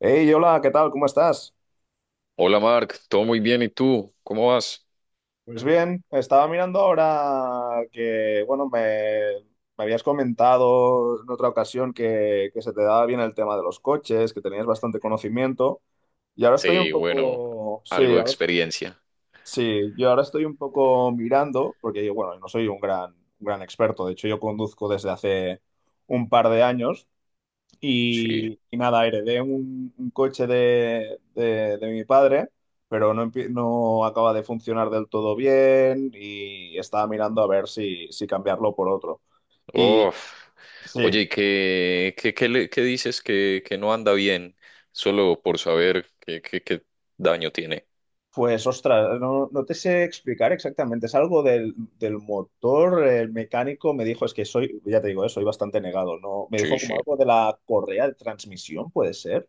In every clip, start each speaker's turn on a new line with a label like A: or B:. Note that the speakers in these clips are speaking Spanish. A: Hey, hola, ¿qué tal? ¿Cómo estás?
B: Hola Mark, todo muy bien, ¿y tú? ¿Cómo vas?
A: Pues bien, estaba mirando ahora que, bueno, me habías comentado en otra ocasión que se te daba bien el tema de los coches, que tenías bastante conocimiento, y ahora estoy un
B: Sí, bueno,
A: poco, sí,
B: algo de
A: ahora,
B: experiencia.
A: sí, yo ahora estoy un poco mirando, porque yo, bueno, no soy un gran experto. De hecho yo conduzco desde hace un par de años,
B: Sí.
A: y nada, heredé un coche de, de mi padre, pero no, no acaba de funcionar del todo bien y estaba mirando a ver si, si cambiarlo por otro. Y
B: Uf.
A: sí,
B: Oye, ¿y qué dices que no anda bien? Solo por saber qué daño tiene.
A: pues ostras, no, no te sé explicar exactamente, es algo del, del motor. El mecánico me dijo, es que soy, ya te digo, soy bastante negado, ¿no? Me dijo
B: Sí,
A: como
B: sí.
A: algo de la correa de transmisión, puede ser.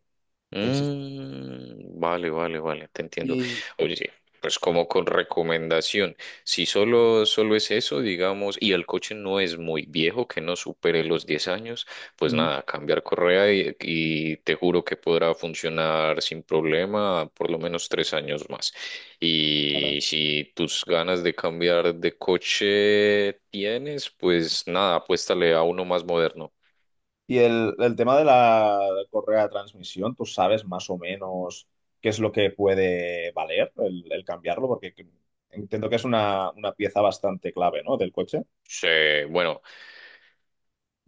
A: Existe.
B: Vale, vale, vale, te entiendo.
A: Y...
B: Oye, sí, pues como con recomendación, si solo es eso, digamos, y el coche no es muy viejo, que no supere los 10 años, pues
A: Ujú.
B: nada, cambiar correa y te juro que podrá funcionar sin problema por lo menos tres años más. Y si tus ganas de cambiar de coche tienes, pues nada, apuéstale a uno más moderno.
A: Y el tema de la correa de transmisión, ¿tú sabes más o menos qué es lo que puede valer el cambiarlo? Entiendo que es una pieza bastante clave, ¿no? Del coche.
B: Sí, bueno.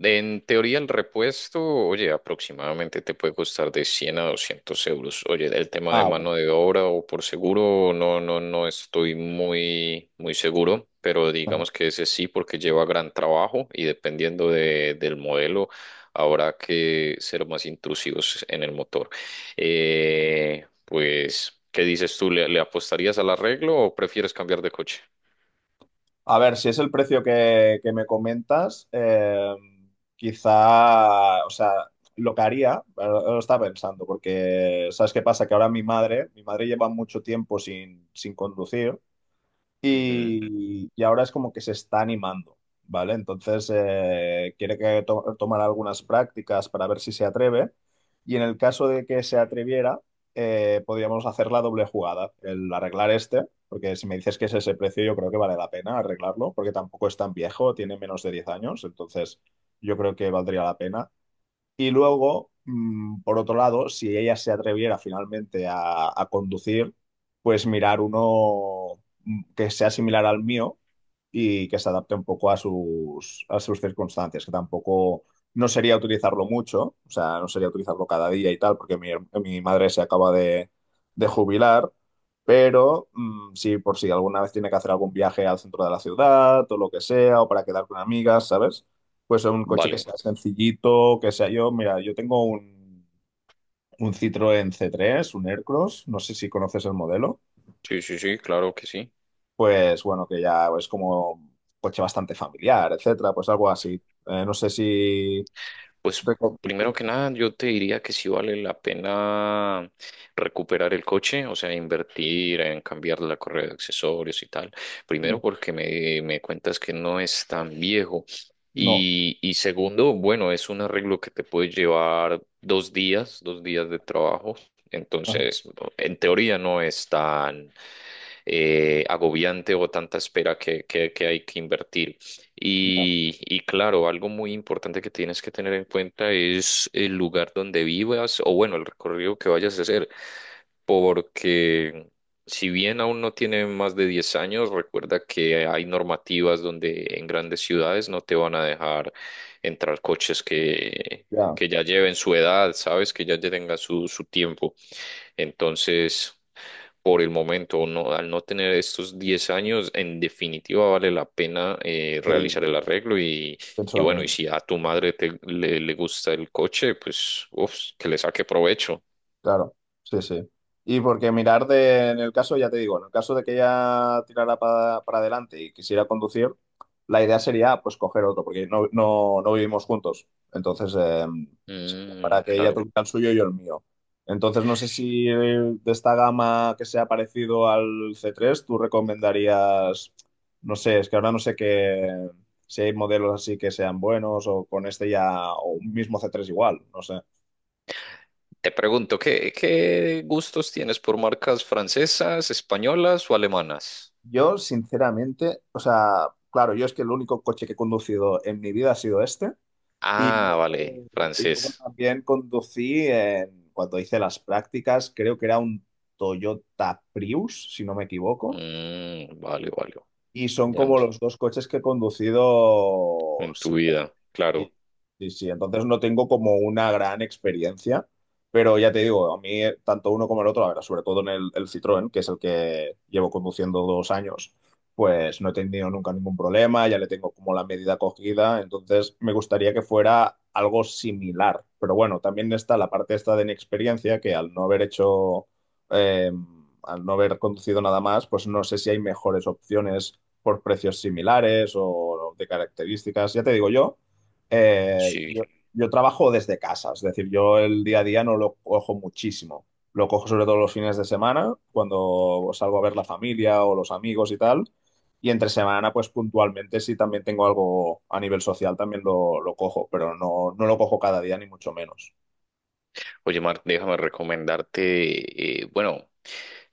B: En teoría, el repuesto, oye, aproximadamente te puede costar de 100 a 200 euros. Oye, el tema de
A: Ah, bueno.
B: mano de obra o por seguro, no, no, no estoy muy, muy seguro, pero
A: Ajá.
B: digamos que ese sí, porque lleva gran trabajo y dependiendo del modelo, habrá que ser más intrusivos en el motor. Pues, ¿qué dices tú? ¿Le apostarías al arreglo o prefieres cambiar de coche?
A: A ver, si es el precio que me comentas, quizá, o sea, lo que haría, ahora lo estaba pensando, porque ¿sabes qué pasa? Que ahora mi madre lleva mucho tiempo sin, sin conducir.
B: Ujú.
A: Y, y ahora es como que se está animando, ¿vale? Entonces quiere tomar algunas prácticas para ver si se atreve, y en el caso de que se atreviera, podríamos hacer la doble jugada, el arreglar este, porque si me dices que es ese precio, yo creo que vale la pena arreglarlo, porque tampoco es tan viejo, tiene menos de 10 años. Entonces yo creo que valdría la pena. Y luego, por otro lado, si ella se atreviera finalmente a conducir, pues mirar uno que sea similar al mío y que se adapte un poco a sus circunstancias, que tampoco no sería utilizarlo mucho, o sea, no sería utilizarlo cada día y tal, porque mi madre se acaba de jubilar, pero sí, por si alguna vez tiene que hacer algún viaje al centro de la ciudad o lo que sea, o para quedar con amigas, ¿sabes? Pues un coche que
B: Vale.
A: sea sencillito, que sea yo. Mira, yo tengo un Citroën C3, un Aircross, no sé si conoces el modelo.
B: Sí, sí, sí, claro que sí.
A: Pues bueno, que ya es como un coche bastante familiar, etcétera, pues algo así. No sé si.
B: Pues
A: reco-
B: primero que nada, yo te diría que sí vale la pena recuperar el coche, o sea, invertir en cambiar la correa de accesorios y tal. Primero porque me cuentas que no es tan viejo.
A: No,
B: Y segundo, bueno, es un arreglo que te puede llevar dos días de trabajo.
A: ajá,
B: Entonces, en teoría no es tan, agobiante o tanta espera que hay que invertir.
A: ya,
B: Y claro, algo muy importante que tienes que tener en cuenta es el lugar donde vivas o bueno, el recorrido que vayas a hacer, porque si bien aún no tiene más de 10 años, recuerda que hay normativas donde en grandes ciudades no te van a dejar entrar coches
A: ya,
B: que ya lleven su edad, sabes, que ya tengan su, su tiempo. Entonces, por el momento, no, al no tener estos 10 años, en definitiva vale la pena
A: sí,
B: realizar el arreglo
A: pienso
B: y
A: lo
B: bueno, y
A: mismo.
B: si a tu madre le gusta el coche, pues uf, que le saque provecho.
A: Claro, sí, sí. Y porque mirar de, en el caso, ya te digo, en el caso de que ella tirara para adelante y quisiera conducir, la idea sería pues coger otro, porque no, no, no vivimos juntos. Entonces, para que ella
B: Claro.
A: tuviera el suyo y yo el mío. Entonces, no sé si de esta gama que sea parecido al c tres, tú recomendarías, no sé, es que ahora no sé qué, si hay modelos así que sean buenos o con este ya, o un mismo c tres igual, no sé.
B: Te pregunto, ¿qué, qué gustos tienes por marcas francesas, españolas o alemanas?
A: Yo, sinceramente, o sea, claro, yo es que el único coche que he conducido en mi vida ha sido este. Y
B: Ah,
A: luego,
B: vale,
A: y luego
B: francés.
A: también cuando hice las prácticas, creo que era un Toyota Prius, si no me equivoco.
B: Vale, vale.
A: Y son
B: Ya no
A: como
B: sé,
A: los dos coches que he conducido.
B: en tu vida, claro.
A: Sí, sí, sí. Entonces no tengo como una gran experiencia, pero ya te digo, a mí tanto uno como el otro, a ver, sobre todo en el Citroën, que es el que llevo conduciendo dos años, pues no he tenido nunca ningún problema, ya le tengo como la medida cogida. Entonces me gustaría que fuera algo similar. Pero bueno, también está la parte esta de inexperiencia, que al no haber hecho, eh, al no haber conducido nada más, pues no sé si hay mejores opciones por precios similares o de características. Ya te digo yo. Eh,
B: Sí.
A: yo, yo trabajo desde casa, es decir, yo el día a día no lo cojo muchísimo. Lo cojo sobre todo los fines de semana, cuando salgo a ver la familia o los amigos y tal. Y entre semana, pues puntualmente, si también tengo algo a nivel social, también lo cojo, pero no, no lo cojo cada día, ni mucho menos.
B: Oye, Mar, déjame recomendarte, bueno,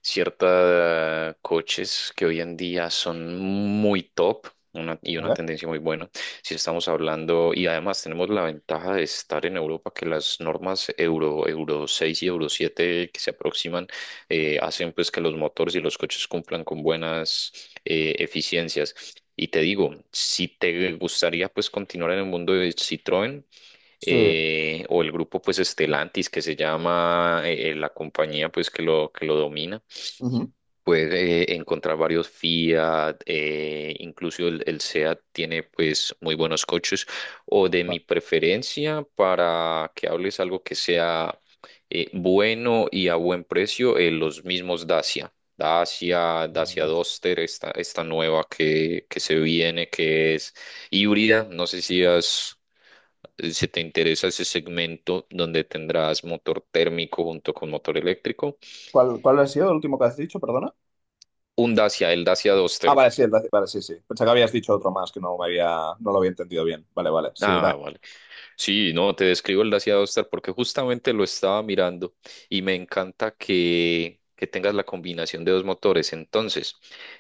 B: ciertos coches que hoy en día son muy top y una
A: ¿Vale?
B: tendencia muy buena. Si estamos hablando, y además tenemos la ventaja de estar en Europa, que las normas Euro 6 y Euro 7 que se aproximan hacen pues que los motores y los coches cumplan con buenas eficiencias. Y te digo, si te gustaría pues continuar en el mundo de Citroën,
A: Sí.
B: o el grupo pues Estelantis que se llama la compañía pues que lo domina.
A: Ujú.
B: Puedes encontrar varios Fiat, incluso el Seat tiene pues muy buenos coches o de mi
A: Vale,
B: preferencia para que hables algo que sea bueno y a buen precio, los mismos Dacia. Dacia
A: vale.
B: Duster, esta nueva que se viene, que es híbrida. No sé si has si te interesa ese segmento donde tendrás motor térmico junto con motor eléctrico,
A: ¿Cuál, cuál ha sido el último que has dicho, perdona?
B: un Dacia, el Dacia
A: Ah,
B: Duster.
A: vale, sí, vale, sí, sí. Pensé que habías dicho otro más que no me había, no lo había entendido bien. Vale, vale, sí, da-
B: Ah, vale. Sí, no, te describo el Dacia Duster porque justamente lo estaba mirando y me encanta que tengas la combinación de dos motores. Entonces,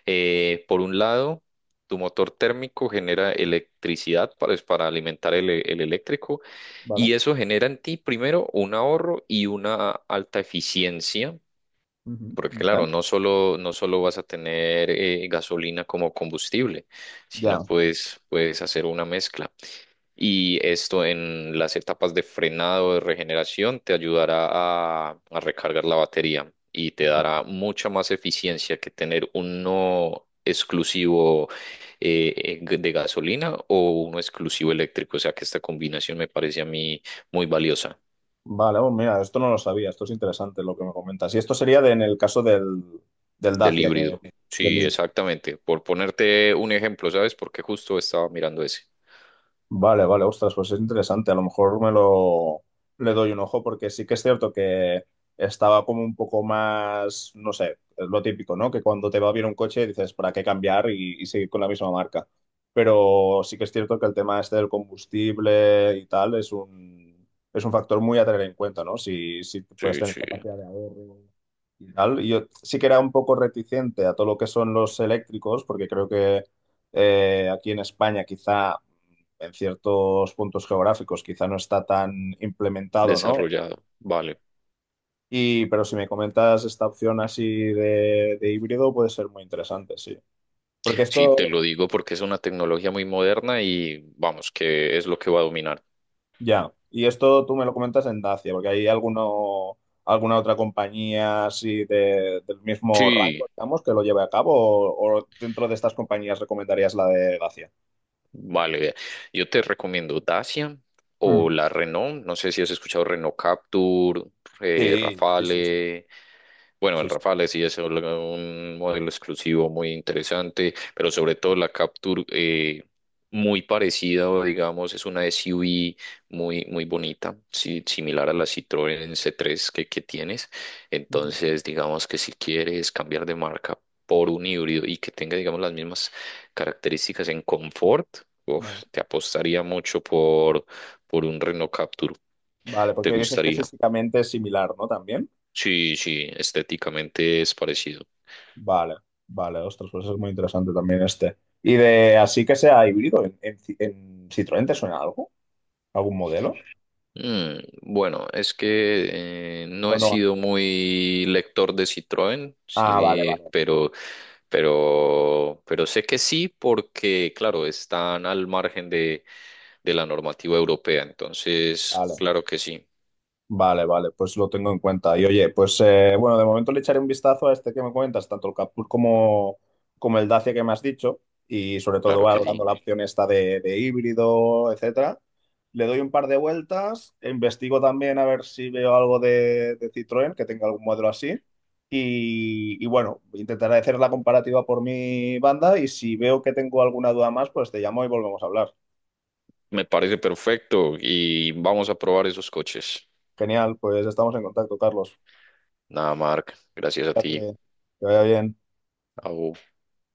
B: por un lado, tu motor térmico genera electricidad para alimentar el eléctrico y
A: vale.
B: eso genera en ti primero un ahorro y una alta eficiencia.
A: Ujú.
B: Porque
A: Vale.
B: claro, no solo vas a tener gasolina como combustible, sino
A: Ya.
B: puedes hacer una mezcla. Y esto en las etapas de frenado, de regeneración, te ayudará a recargar la batería y te
A: Va-
B: dará mucha más eficiencia que tener uno exclusivo de gasolina o uno exclusivo eléctrico. O sea que esta combinación me parece a mí muy valiosa.
A: vale, oh, mira, esto no lo sabía, esto es interesante lo que me comentas. Y esto sería en el caso del, del
B: Del
A: Dacia, que,
B: híbrido. Sí,
A: del,
B: exactamente. Por ponerte un ejemplo, ¿sabes? Porque justo estaba mirando ese.
A: vale, vale, ostras, pues es interesante. A lo mejor me lo le doy un ojo, porque sí que es cierto que estaba como un poco más, no sé, es lo típico, ¿no? Que cuando te va bien un coche dices, ¿para qué cambiar y seguir con la misma marca? Pero sí que es cierto que el tema este del combustible y tal es un factor muy a tener en cuenta, ¿no? Si, si puedes
B: Sí,
A: tener
B: sí.
A: capacidad de ahorro y tal. Y yo sí que era un poco reticente a todo lo que son los eléctricos, porque creo que aquí en España quizá en ciertos puntos geográficos quizá no está tan implementado, ¿no?
B: Desarrollado. Vale.
A: Y, pero si me comentas esta opción así de híbrido puede ser muy interesante, sí. Porque
B: Sí,
A: esto,
B: te lo digo porque es una tecnología muy moderna y vamos, que es lo que va a dominar.
A: ya, y esto tú me lo comentas en Dacia, porque hay alguno, alguna otra compañía así del mismo rango,
B: Sí,
A: digamos, que lo lleve a cabo o dentro de estas compañías recomendarías la de Dacia.
B: vale. Vea. Yo te recomiendo Dacia
A: Mm.
B: o la Renault. No sé si has escuchado Renault Captur,
A: Sí, sí, sí, sí,
B: Rafale. Bueno,
A: sí.
B: el
A: Sí.
B: Rafale sí es un modelo exclusivo muy interesante, pero sobre todo la Capture muy parecida, o digamos, es una SUV muy, muy bonita, sí, similar a la Citroën c tres que tienes.
A: Ujú.
B: Entonces, digamos que si quieres cambiar de marca por un híbrido y que tenga, digamos, las mismas características en confort,
A: Vale.
B: uf, te apostaría mucho por un Renault Capture.
A: Vale,
B: ¿Te
A: porque dices que
B: gustaría?
A: físicamente es similar, ¿no? También.
B: Sí, sí, estéticamente es parecido.
A: Vale, vale, ostras, pues es muy interesante también este. Y de así que sea híbrido, en, en Citroën te suena algo? ¿Algún modelo?
B: Bueno, es que no
A: ¿O
B: he
A: no?
B: sido muy lector de Citroën,
A: Ah, vale,
B: sí,
A: vale,
B: pero sé que sí, porque, claro, están al margen de la normativa europea. Entonces,
A: vale.
B: claro que sí,
A: Vale, vale, pues lo tengo en cuenta. Y oye, pues bueno, de momento le echaré un vistazo a este que me comentas, tanto el captur como, como el Dacia que me has dicho, y sobre todo
B: claro que
A: valorando
B: sí.
A: la opción esta de híbrido, etcétera. Le doy un par de vueltas, investigo también a ver si veo algo de Citroën, que tenga algún modelo así. Y bueno, intentaré hacer la comparativa por mi banda y si veo que tengo alguna duda más, pues te llamo y volvemos a hablar.
B: Me parece perfecto y vamos a probar esos coches.
A: Genial, pues estamos en contacto, Carlos.
B: Nada, Marc, gracias a ti.
A: Fíjate, que vaya bien.
B: Au.